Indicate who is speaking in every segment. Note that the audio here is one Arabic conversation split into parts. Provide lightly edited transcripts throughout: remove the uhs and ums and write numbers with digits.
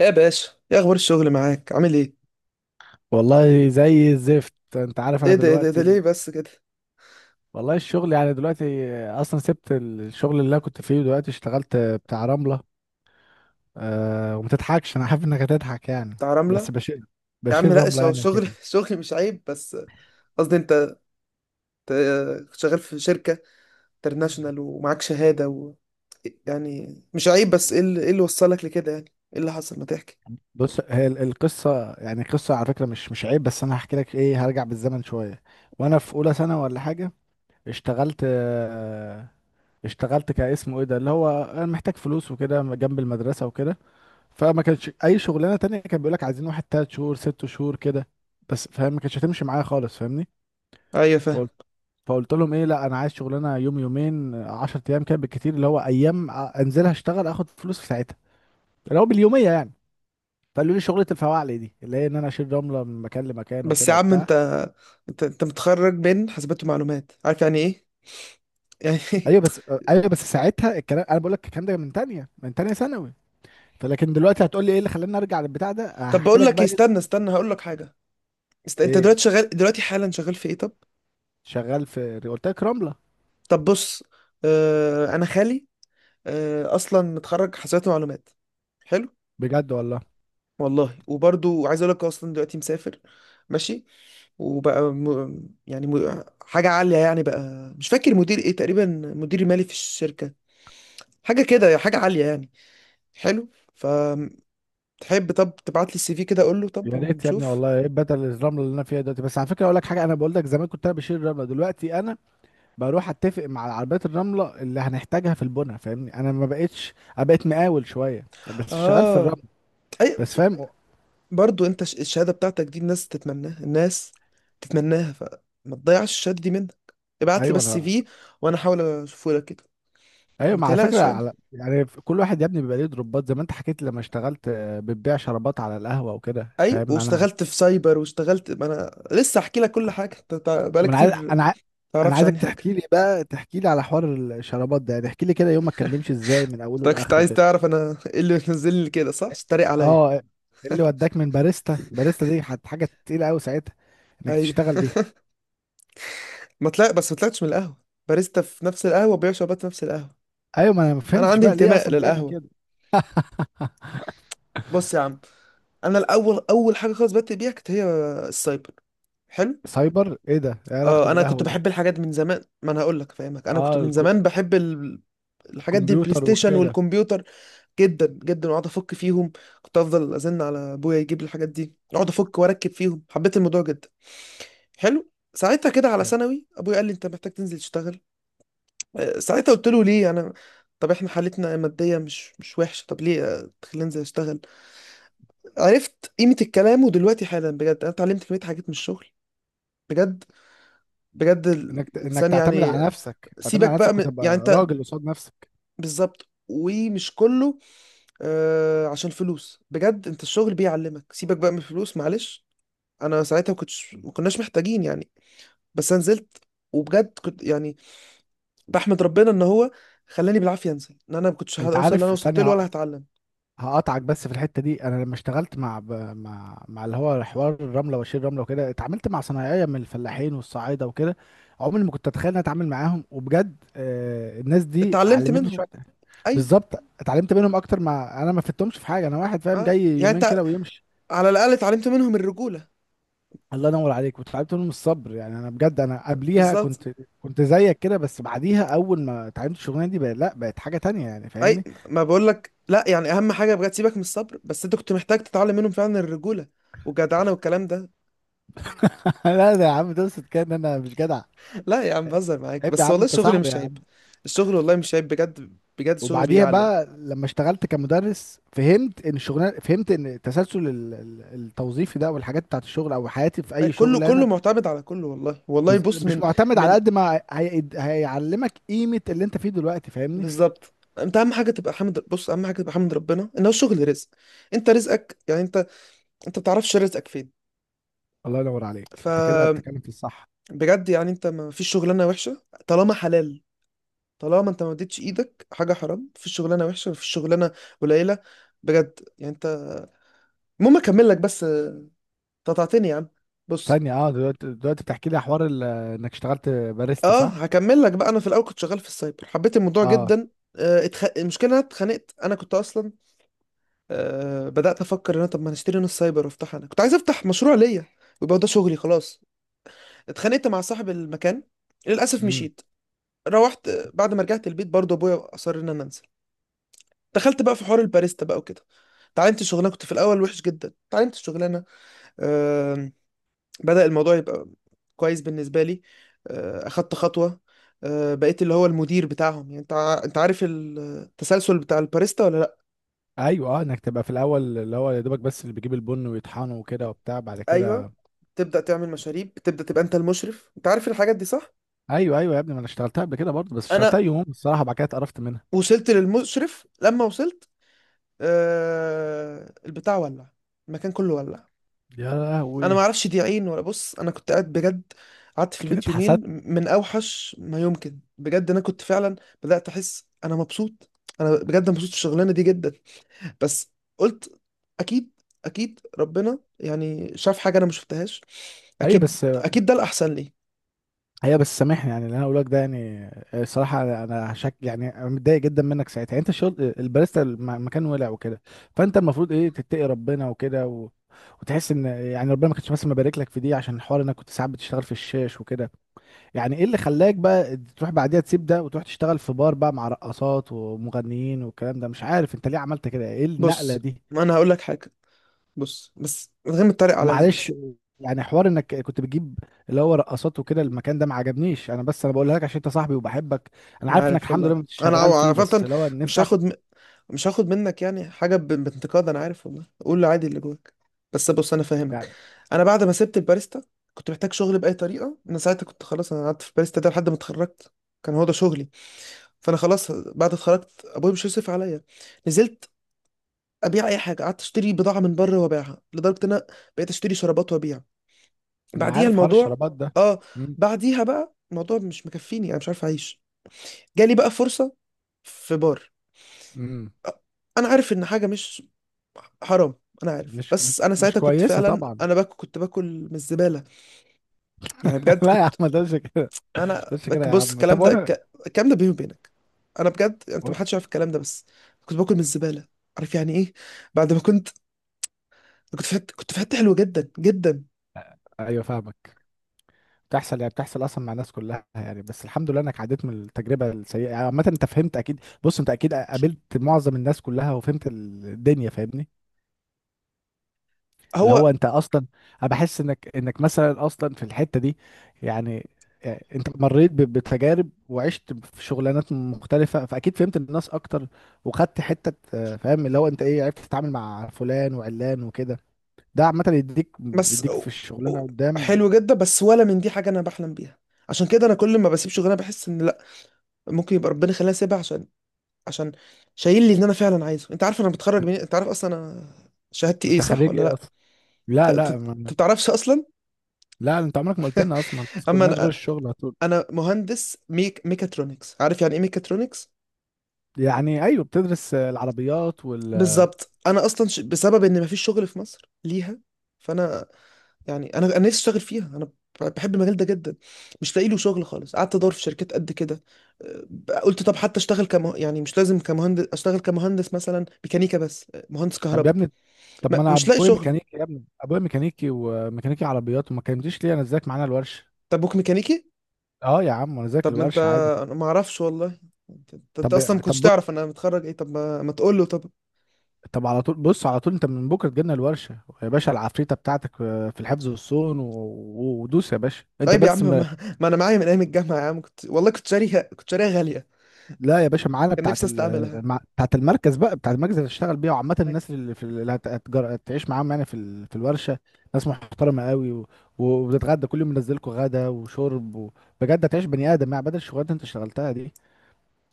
Speaker 1: يا باشا، يا اخبار الشغل معاك؟ عامل ايه؟
Speaker 2: والله زي الزفت. انت عارف انا
Speaker 1: إيه ده ليه
Speaker 2: دلوقتي
Speaker 1: بس كده؟
Speaker 2: والله الشغل يعني دلوقتي اصلا سبت الشغل اللي انا كنت فيه، دلوقتي اشتغلت بتاع رملة. أه وما تضحكش، انا عارف انك هتضحك يعني.
Speaker 1: بتاع
Speaker 2: بس
Speaker 1: رملة؟
Speaker 2: بشيل
Speaker 1: يا عم
Speaker 2: بشيل
Speaker 1: لا،
Speaker 2: رملة
Speaker 1: هو
Speaker 2: يعني
Speaker 1: الشغل
Speaker 2: وكده.
Speaker 1: الشغل مش عيب، بس قصدي انت، أنت شغال في شركة انترناشونال ومعاك شهادة يعني مش عيب، بس إيه اللي وصلك لكده يعني؟ ايه اللي حصل؟ ما تحكي.
Speaker 2: بص، هي القصة يعني قصة على فكرة، مش عيب، بس انا هحكي لك ايه. هرجع بالزمن شوية وانا في اولى سنة ولا حاجة. اشتغلت أه اشتغلت كاسمه ايه ده، اللي هو انا محتاج فلوس وكده جنب المدرسة وكده. فما كانش اي شغلانه تانية، كان بيقول لك عايزين واحد تلات شهور ست شهور كده، بس فاهم، ما كانتش هتمشي معايا خالص، فاهمني.
Speaker 1: ايوه فاهم.
Speaker 2: فقلت فقلت لهم ايه، لا انا عايز شغلانه يوم يومين 10 ايام كده بالكتير، اللي هو ايام انزل اشتغل اخد فلوس في ساعتها، اللي هو باليوميه يعني. فقالوا لي شغله الفواعلي دي، اللي هي ان انا اشيل رمله من مكان لمكان
Speaker 1: بس
Speaker 2: وكده
Speaker 1: يا عم،
Speaker 2: وبتاع.
Speaker 1: انت متخرج من حاسبات ومعلومات، عارف يعني ايه؟ يعني
Speaker 2: ايوه بس ايوه بس ساعتها الكلام، انا بقول لك الكلام ده من تانية ثانوي. فلكن دلوقتي هتقول لي ايه اللي خلاني ارجع للبتاع ده،
Speaker 1: طب
Speaker 2: هحكي
Speaker 1: بقول
Speaker 2: لك
Speaker 1: لك
Speaker 2: بقى
Speaker 1: إيه، استنى
Speaker 2: ايه.
Speaker 1: استنى هقول لك حاجة. انت
Speaker 2: إيه،
Speaker 1: دلوقتي شغال، دلوقتي حالا شغال في ايه؟ طب
Speaker 2: شغال في، قلت لك رمله.
Speaker 1: طب بص. آه، انا خالي آه، اصلا متخرج حاسبات ومعلومات، حلو.
Speaker 2: بجد والله.
Speaker 1: والله وبرضو عايز اقول لك اصلا دلوقتي مسافر، ماشي، وبقى يعني حاجه عاليه يعني، بقى مش فاكر مدير ايه تقريبا، مدير مالي في الشركه، حاجه كده، حاجه عاليه يعني. حلو. فتحب؟ طب تبعت لي السي في كده، اقول له طب
Speaker 2: يا ريت يا ابني
Speaker 1: ونشوف.
Speaker 2: والله، ايه بدل الرمله اللي انا فيها دلوقتي. بس على فكره اقول لك حاجه، انا بقول لك زمان كنت انا بشيل الرمله، دلوقتي انا بروح اتفق مع عربيات الرمله اللي هنحتاجها في البنا، فاهمني. انا ما بقتش، انا بقيت مقاول شويه، بس شغال في الرمل.
Speaker 1: اه. اي.
Speaker 2: بس فاهم.
Speaker 1: برضو انت الشهاده بتاعتك دي الناس تتمناها، الناس تتمناها، فما تضيعش الشهاده دي منك. ابعت لي
Speaker 2: ايوه
Speaker 1: بس سي
Speaker 2: انا.
Speaker 1: في وانا احاول اشوفه لك كده.
Speaker 2: ايوه
Speaker 1: ما
Speaker 2: مع فكره،
Speaker 1: تقلقش يعني.
Speaker 2: على يعني كل واحد يا ابني بيبقى ليه دروبات، زي ما انت حكيت لما اشتغلت بتبيع شرابات على القهوه وكده،
Speaker 1: اي،
Speaker 2: فاهم انا.
Speaker 1: واشتغلت في سايبر واشتغلت، ما انا لسه احكي لك كل حاجه، انت بقالك
Speaker 2: ما انا
Speaker 1: كتير
Speaker 2: عايز
Speaker 1: ما
Speaker 2: انا عايز انا
Speaker 1: تعرفش
Speaker 2: عايزك
Speaker 1: عني حاجه.
Speaker 2: تحكي لي على حوار الشرابات ده يعني. احكي لي كده، يومك كان بيمشي ازاي من
Speaker 1: انت
Speaker 2: اوله
Speaker 1: كنت
Speaker 2: لاخره
Speaker 1: عايز
Speaker 2: كده.
Speaker 1: تعرف انا ايه اللي منزلني كده، صح؟ تتريق عليا؟
Speaker 2: اه، اللي وداك من باريستا، باريستا دي حاجه تقيله قوي ساعتها، انك
Speaker 1: اي.
Speaker 2: تشتغل دي.
Speaker 1: ما طلع، بس ما طلعتش من القهوه، باريستا في نفس القهوه، بيع شربات في نفس القهوه.
Speaker 2: ايوه، ما انا ما
Speaker 1: انا
Speaker 2: فهمتش
Speaker 1: عندي
Speaker 2: بقى ليه
Speaker 1: انتماء
Speaker 2: اصلا بتعمل
Speaker 1: للقهوه.
Speaker 2: كده.
Speaker 1: بص يا عم، انا الاول، اول حاجه خالص بدات بيها كانت هي السايبر. حلو.
Speaker 2: سايبر ايه ده، ايه علاقته
Speaker 1: اه انا كنت
Speaker 2: بالقهوه ده.
Speaker 1: بحب الحاجات دي من زمان، ما انا هقول لك، فاهمك، انا كنت
Speaker 2: اه،
Speaker 1: من زمان بحب الحاجات دي، البلاي
Speaker 2: الكمبيوتر
Speaker 1: ستيشن
Speaker 2: وكده.
Speaker 1: والكمبيوتر، جدا جدا، واقعد افك فيهم. كنت افضل ازن على ابويا يجيب لي الحاجات دي، اقعد افك واركب فيهم، حبيت الموضوع جدا. حلو. ساعتها كده على ثانوي ابويا قال لي انت محتاج تنزل تشتغل. آه، ساعتها قلت له ليه انا؟ طب احنا حالتنا ماديه مش وحشه، طب ليه آه، تخليني انزل اشتغل؟ عرفت قيمه الكلام، ودلوقتي حالا بجد انا اتعلمت كميه حاجات من الشغل، بجد بجد.
Speaker 2: انك
Speaker 1: الانسان
Speaker 2: تعتمد
Speaker 1: يعني
Speaker 2: على
Speaker 1: آه،
Speaker 2: نفسك تعتمد على
Speaker 1: سيبك بقى
Speaker 2: نفسك
Speaker 1: من يعني،
Speaker 2: وتبقى
Speaker 1: انت
Speaker 2: راجل قصاد نفسك.
Speaker 1: بالظبط، ومش كله آه عشان فلوس، بجد انت الشغل بيعلمك، سيبك بقى من الفلوس معلش. انا ساعتها ما كنتش، ما كناش محتاجين يعني، بس انا نزلت وبجد كنت يعني بحمد ربنا ان هو خلاني بالعافيه انزل، ان انا ما كنتش
Speaker 2: انت
Speaker 1: هوصل اللي انا
Speaker 2: عارف،
Speaker 1: وصلت له ولا
Speaker 2: ثانيه،
Speaker 1: هتعلم.
Speaker 2: هقطعك بس في الحته دي. انا لما اشتغلت مع ب... مع مع اللي هو حوار الرمله وشيل الرمله وكده، اتعاملت مع صنايعيه من الفلاحين والصعايده وكده. عمري ما كنت اتخيل اني اتعامل معاهم، وبجد الناس دي
Speaker 1: اتعلمت
Speaker 2: علمتني
Speaker 1: منهم.
Speaker 2: شويه.
Speaker 1: ايوه،
Speaker 2: بالظبط، اتعلمت منهم اكتر ما انا ما فدتهمش في حاجه. انا واحد فاهم
Speaker 1: ما
Speaker 2: جاي
Speaker 1: يعني
Speaker 2: يومين
Speaker 1: انت،
Speaker 2: كده ويمشي.
Speaker 1: على الاقل اتعلمت منهم الرجوله.
Speaker 2: الله ينور عليك، واتعلمت منهم الصبر يعني. انا بجد انا قبليها
Speaker 1: بالظبط.
Speaker 2: كنت زيك كده، بس بعديها اول ما اتعلمت الشغلانه دي بقى لا، بقت حاجه تانية يعني،
Speaker 1: اي،
Speaker 2: فاهمني.
Speaker 1: ما بقول لك لا يعني، اهم حاجه بجد سيبك من الصبر، بس انت كنت محتاج تتعلم منهم فعلا الرجوله والجدعنه والكلام ده.
Speaker 2: لا ده يا عم، تقصد كده ان انا مش جدع؟
Speaker 1: لا يا عم، بهزر معاك،
Speaker 2: عيب يا
Speaker 1: بس
Speaker 2: عم،
Speaker 1: والله
Speaker 2: انت
Speaker 1: الشغل
Speaker 2: صاحبي.
Speaker 1: مش عيب. الشغل والله مش عيب بجد، بجد الشغل
Speaker 2: وبعديها
Speaker 1: بيعلم.
Speaker 2: بقى لما اشتغلت كمدرس فهمت ان التسلسل التوظيفي ده والحاجات بتاعت الشغل، او حياتي في
Speaker 1: أي،
Speaker 2: اي
Speaker 1: كله
Speaker 2: شغل،
Speaker 1: كله
Speaker 2: انا
Speaker 1: معتمد على كله، والله والله. بص،
Speaker 2: مش
Speaker 1: من
Speaker 2: معتمد على
Speaker 1: من
Speaker 2: قد ما هيعلمك قيمه اللي انت فيه دلوقتي، فاهمني.
Speaker 1: بالظبط، انت اهم حاجه تبقى حامد، بص، اهم حاجه تبقى حامد ربنا ان هو الشغل رزق. انت رزقك يعني، انت انت ما بتعرفش رزقك فين.
Speaker 2: الله ينور عليك، انت كده
Speaker 1: فبجد
Speaker 2: بتتكلم في الصح.
Speaker 1: يعني انت، ما فيش شغلانه وحشه طالما حلال، طالما انت ما اديتش ايدك حاجه حرام، مفيش شغلانه وحشه، مفيش شغلانه قليله. بجد يعني انت، المهم اكمل لك بس آه، قطعتني يا عم. بص.
Speaker 2: ثانيه، دلوقتي بتحكي لي حوار انك اشتغلت باريستا،
Speaker 1: اه،
Speaker 2: صح؟
Speaker 1: هكمل لك بقى، انا في الاول كنت شغال في السايبر، حبيت الموضوع
Speaker 2: اه.
Speaker 1: جدا. آه، المشكله إن انا اتخانقت، انا كنت اصلا آه، بدأت أفكر إن أنا، طب ما نشتري نص سايبر وأفتحها، أنا كنت عايز أفتح مشروع ليا، ويبقى ده شغلي خلاص. اتخانقت مع صاحب المكان، للأسف
Speaker 2: امم.
Speaker 1: مشيت. روحت آه، بعد ما رجعت البيت برضه أبويا أصر إن أنا أنزل. دخلت بقى في حوار الباريستا بقى وكده، اتعلمت الشغلانة، كنت في الأول وحش جدا، اتعلمت الشغلانة. آم، بدأ الموضوع يبقى كويس بالنسبة لي. آه، أخدت خطوة، آه، بقيت اللي هو المدير بتاعهم. يعني أنت أنت عارف التسلسل بتاع الباريستا ولا؟
Speaker 2: ايوه، انك تبقى في الاول، اللي هو يا دوبك، بس اللي بيجيب البن ويطحنه وكده وبتاع بعد
Speaker 1: ايوه،
Speaker 2: كده.
Speaker 1: تبدا تعمل مشاريب، تبدا تبقى انت المشرف، انت عارف الحاجات دي صح.
Speaker 2: ايوه ايوه يا ابني، ما انا اشتغلتها قبل كده برضه، بس اشتغلتها
Speaker 1: انا
Speaker 2: يوم، الصراحه بعد كده اتقرفت منها.
Speaker 1: وصلت للمشرف، لما وصلت آه البتاع ولع، المكان كله ولع.
Speaker 2: يا
Speaker 1: انا ما
Speaker 2: لهوي.
Speaker 1: اعرفش دي عين ولا، بص انا كنت قاعد بجد، قعدت في
Speaker 2: اكيد
Speaker 1: البيت يومين
Speaker 2: اتحسدت.
Speaker 1: من اوحش ما يمكن، بجد انا كنت فعلا بدات احس انا مبسوط، انا بجد مبسوط في الشغلانه دي جدا، بس قلت اكيد، اكيد ربنا يعني شاف حاجه انا ما شفتهاش،
Speaker 2: ايوه
Speaker 1: اكيد
Speaker 2: بس
Speaker 1: اكيد ده الاحسن لي.
Speaker 2: ايوه بس سامحني، يعني اللي انا اقوله لك ده يعني الصراحه، انا شك يعني، انا متضايق جدا منك ساعتها يعني. انت الشغل الباريستا، المكان ولع وكده، فانت المفروض ايه، تتقي ربنا وكده، و... وتحس ان يعني ربنا ما كانش بس مبارك لك في دي عشان الحوار انك كنت ساعات بتشتغل في الشاش وكده. يعني ايه اللي خلاك بقى تروح بعديها تسيب ده وتروح تشتغل في بار بقى، مع رقصات ومغنيين والكلام ده، مش عارف انت ليه عملت كده، ايه النقله
Speaker 1: بص،
Speaker 2: دي؟
Speaker 1: ما انا هقول لك حاجه، بص، بس من غير ما تتريق عليا
Speaker 2: ومعلش،
Speaker 1: بس.
Speaker 2: يعني حوار انك كنت بتجيب اللي هو رقصات وكده، المكان ده ما عجبنيش انا، بس انا بقولها لك عشان انت صاحبي وبحبك. انا
Speaker 1: انا
Speaker 2: عارف انك
Speaker 1: عارف،
Speaker 2: الحمد لله
Speaker 1: والله
Speaker 2: مش
Speaker 1: انا
Speaker 2: شغال فيه، بس
Speaker 1: عامة،
Speaker 2: اللي هو
Speaker 1: مش
Speaker 2: نفسي اعرف،
Speaker 1: هاخد م... مش هاخد منك يعني حاجة بانتقاد، انا عارف، والله قول لي عادي اللي جواك. بس بص انا فاهمك.
Speaker 2: يعني.
Speaker 1: انا بعد ما سبت الباريستا كنت محتاج شغل بأي طريقة، انا ساعتها كنت خلاص، انا قعدت في الباريستا ده لحد ما اتخرجت، كان هو ده شغلي. فانا خلاص بعد اتخرجت ابويا مش هيصرف عليا، نزلت ابيع اي حاجة، قعدت اشتري بضاعة من بره وابيعها، لدرجة ان انا بقيت اشتري شرابات وابيع.
Speaker 2: انا
Speaker 1: بعديها
Speaker 2: عارف حوار
Speaker 1: الموضوع،
Speaker 2: الشرابات ده.
Speaker 1: اه،
Speaker 2: مم.
Speaker 1: بعديها بقى الموضوع مش مكفيني، انا مش عارف اعيش. جالي بقى فرصة في بار.
Speaker 2: مم.
Speaker 1: انا عارف ان حاجة مش حرام، انا عارف،
Speaker 2: مش
Speaker 1: بس انا
Speaker 2: مش
Speaker 1: ساعتها كنت
Speaker 2: كويسه
Speaker 1: فعلا
Speaker 2: طبعا.
Speaker 1: انا باكل، كنت باكل من الزبالة، يعني بجد
Speaker 2: لا يا عم،
Speaker 1: كنت
Speaker 2: ما تقولش كده، ما
Speaker 1: انا.
Speaker 2: تقولش كده يا
Speaker 1: بص
Speaker 2: عم،
Speaker 1: الكلام
Speaker 2: طب
Speaker 1: ده،
Speaker 2: وانا.
Speaker 1: الكلام ده بيني وبينك، انا بجد، انت
Speaker 2: و-
Speaker 1: ما حدش يعرف الكلام ده، بس كنت باكل من الزبالة، عارف يعني ايه؟ بعد ما كنت، كنت في حتة، كنت في حتة حلوة جدا جدا.
Speaker 2: ايوه فاهمك، بتحصل يعني، بتحصل اصلا مع الناس كلها يعني، بس الحمد لله انك عديت من التجربه السيئه يعني. عامه انت فهمت اكيد، بص، انت اكيد قابلت معظم الناس كلها وفهمت الدنيا، فاهمني. اللي
Speaker 1: هو،
Speaker 2: هو انت اصلا، انا بحس انك مثلا اصلا في الحته دي يعني. يعني انت مريت بتجارب وعشت في شغلانات مختلفه، فاكيد فهمت الناس اكتر، وخدت حته فاهم اللي هو انت ايه، عرفت تتعامل مع فلان وعلان وكده. ده عامه يديك
Speaker 1: بس
Speaker 2: بيديك في الشغلانه
Speaker 1: أو-
Speaker 2: قدام.
Speaker 1: حلو جدا، بس ولا من دي حاجة انا بحلم بيها. عشان كده انا كل ما بسيب شغلانه بحس ان لا، ممكن يبقى ربنا يخليني اسيبها عشان، عشان شايل لي ان انا فعلا عايزه. انت عارف انا بتخرج من، انت عارف اصلا انا شهادتي ايه
Speaker 2: انت
Speaker 1: صح
Speaker 2: خريج
Speaker 1: ولا
Speaker 2: ايه
Speaker 1: لا؟
Speaker 2: اصلا؟ لا لا.
Speaker 1: انت
Speaker 2: ما...
Speaker 1: بتعرفش اصلا.
Speaker 2: لا، انت عمرك ما قلت لنا اصلا، ما
Speaker 1: اما
Speaker 2: بتسكنناش غير
Speaker 1: انا،
Speaker 2: الشغل على طول.
Speaker 1: انا مهندس ميكاترونكس، عارف يعني ايه ميكاترونكس؟
Speaker 2: يعني ايوه، بتدرس العربيات.
Speaker 1: بالظبط. انا اصلا بسبب ان مفيش شغل في مصر ليها، فانا يعني انا، انا نفسي اشتغل فيها، انا بحب المجال ده جدا، مش لاقي له شغل خالص، قعدت ادور في شركات قد كده. أه، قلت طب حتى اشتغل كم يعني، مش لازم كمهندس، اشتغل كمهندس مثلا ميكانيكا، بس أه، مهندس
Speaker 2: طب يا
Speaker 1: كهرباء.
Speaker 2: ابني، طب ما انا
Speaker 1: مش لاقي
Speaker 2: ابويا
Speaker 1: شغل.
Speaker 2: ميكانيكي يا ابني، ابويا ميكانيكي وميكانيكي عربيات، وما كلمتنيش ليه انزلك معانا الورشه؟
Speaker 1: طب بوك ميكانيكي.
Speaker 2: اه يا عم، انا ذاك
Speaker 1: طب ما انت،
Speaker 2: الورشه عادي.
Speaker 1: انا ما اعرفش والله. انت اصلا
Speaker 2: طب
Speaker 1: ما
Speaker 2: طب
Speaker 1: كنتش
Speaker 2: بص،
Speaker 1: تعرف انا متخرج ايه، طب ما، ما تقول له طب.
Speaker 2: طب على طول، بص على طول، انت من بكره تجيلنا الورشه يا باشا. العفريته بتاعتك في الحفظ والصون، ودوس يا باشا انت
Speaker 1: طيب يا عم،
Speaker 2: بس.
Speaker 1: ما، ما انا معايا من ايام الجامعه يا عم، كنت والله كنت شاريها، كنت شاريها غاليه،
Speaker 2: لا يا باشا، معانا
Speaker 1: كان نفسي استعملها.
Speaker 2: بتاعت المركز اللي هتشتغل بيها، وعامة الناس اللي في اللي هتعيش معاهم يعني في الورشة. ناس محترمة قوي، و... وبتتغدى كل يوم، منزلكوا غدا وشرب. و... بجد هتعيش بني آدم يعني، بدل الشغلات اللي انت اشتغلتها دي.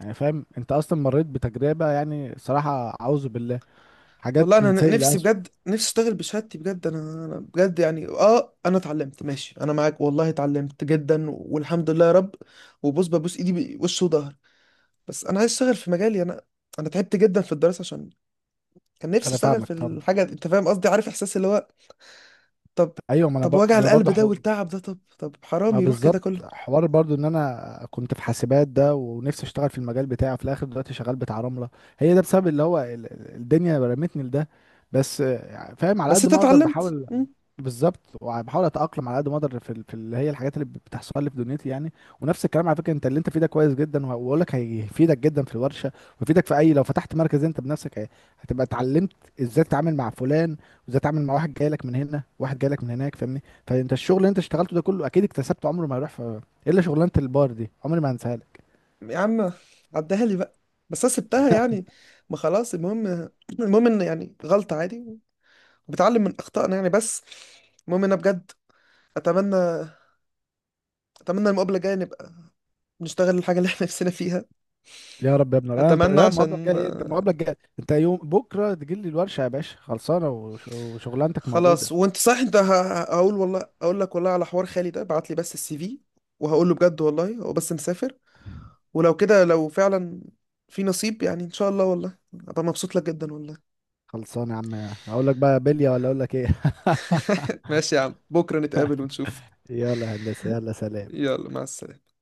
Speaker 2: يعني فاهم، انت اصلا مريت بتجربة، يعني صراحة اعوذ بالله،
Speaker 1: والله
Speaker 2: حاجات
Speaker 1: انا
Speaker 2: من سيء
Speaker 1: نفسي
Speaker 2: لأسوأ.
Speaker 1: بجد، نفسي اشتغل بشهادتي بجد، انا انا بجد يعني اه انا اتعلمت، ماشي انا معاك والله، اتعلمت جدا والحمد لله يا رب، وبص ببوس ايدي بوش وظهر، بس انا عايز اشتغل في مجالي انا، انا تعبت جدا في الدراسه، عشان كان نفسي
Speaker 2: انا
Speaker 1: اشتغل
Speaker 2: فاهمك،
Speaker 1: في
Speaker 2: فاهم.
Speaker 1: الحاجه دي. انت فاهم قصدي، عارف احساس اللي هو، طب،
Speaker 2: ايوه ما انا ب...
Speaker 1: طب وجع
Speaker 2: ما انا
Speaker 1: القلب
Speaker 2: برضه.
Speaker 1: ده والتعب ده، طب طب حرام
Speaker 2: ما
Speaker 1: يروح كده
Speaker 2: بالظبط،
Speaker 1: كله.
Speaker 2: حوار برضو ان انا كنت في حاسبات ده، ونفسي اشتغل في المجال بتاعي، في الاخر دلوقتي شغال بتاع رملة. هي ده بسبب اللي هو الدنيا رمتني لده، بس فاهم على
Speaker 1: بس
Speaker 2: قد
Speaker 1: انت
Speaker 2: ما اقدر
Speaker 1: اتعلمت.
Speaker 2: بحاول.
Speaker 1: مم.
Speaker 2: بالظبط، وبحاول اتاقلم على قد ما اقدر في اللي هي الحاجات اللي بتحصل لي في دنيتي يعني. ونفس الكلام على فكره، انت اللي انت فيه ده كويس جدا، وهقول لك هيفيدك جدا في الورشه، ويفيدك في اي، لو فتحت مركز انت بنفسك، هتبقى اتعلمت ازاي تتعامل مع فلان، وازاي تتعامل مع واحد جاي لك من هنا، واحد جاي لك من هناك، فاهمني. فانت الشغل اللي انت اشتغلته ده كله اكيد اكتسبته، عمره ما يروح في إيه الا شغلانه البار دي، عمري ما هنساها لك.
Speaker 1: يا عم عدها لي بقى، بس انا سبتها يعني، ما خلاص، المهم، المهم ان يعني غلطة عادي، بتعلم من اخطائنا يعني، بس المهم انا بجد اتمنى، اتمنى المقابلة الجاية نبقى نشتغل الحاجة اللي احنا نفسنا فيها.
Speaker 2: يا رب يا ابني، انا
Speaker 1: اتمنى
Speaker 2: لا، المقابله
Speaker 1: عشان
Speaker 2: الجايه انت، المقابله
Speaker 1: آه،
Speaker 2: الجايه انت يوم بكره تجي لي الورشه يا باشا، خلصانه، وشغلانتك
Speaker 1: خلاص.
Speaker 2: موجوده.
Speaker 1: وانت صح، انت هقول، والله اقول لك، والله على حوار خالي ده، بعت لي بس السي في، وهقول له بجد والله هو بس مسافر. ولو كده، لو فعلا في نصيب، يعني ان شاء الله، والله ابقى مبسوط لك جدا، والله.
Speaker 2: خلصان يا عم. اقول لك بقى بلية ولا اقول لك ايه؟
Speaker 1: ماشي يا عم، بكرة نتقابل ونشوف.
Speaker 2: يلا يا هندسة، يلا سلام.
Speaker 1: يلا مع السلامة.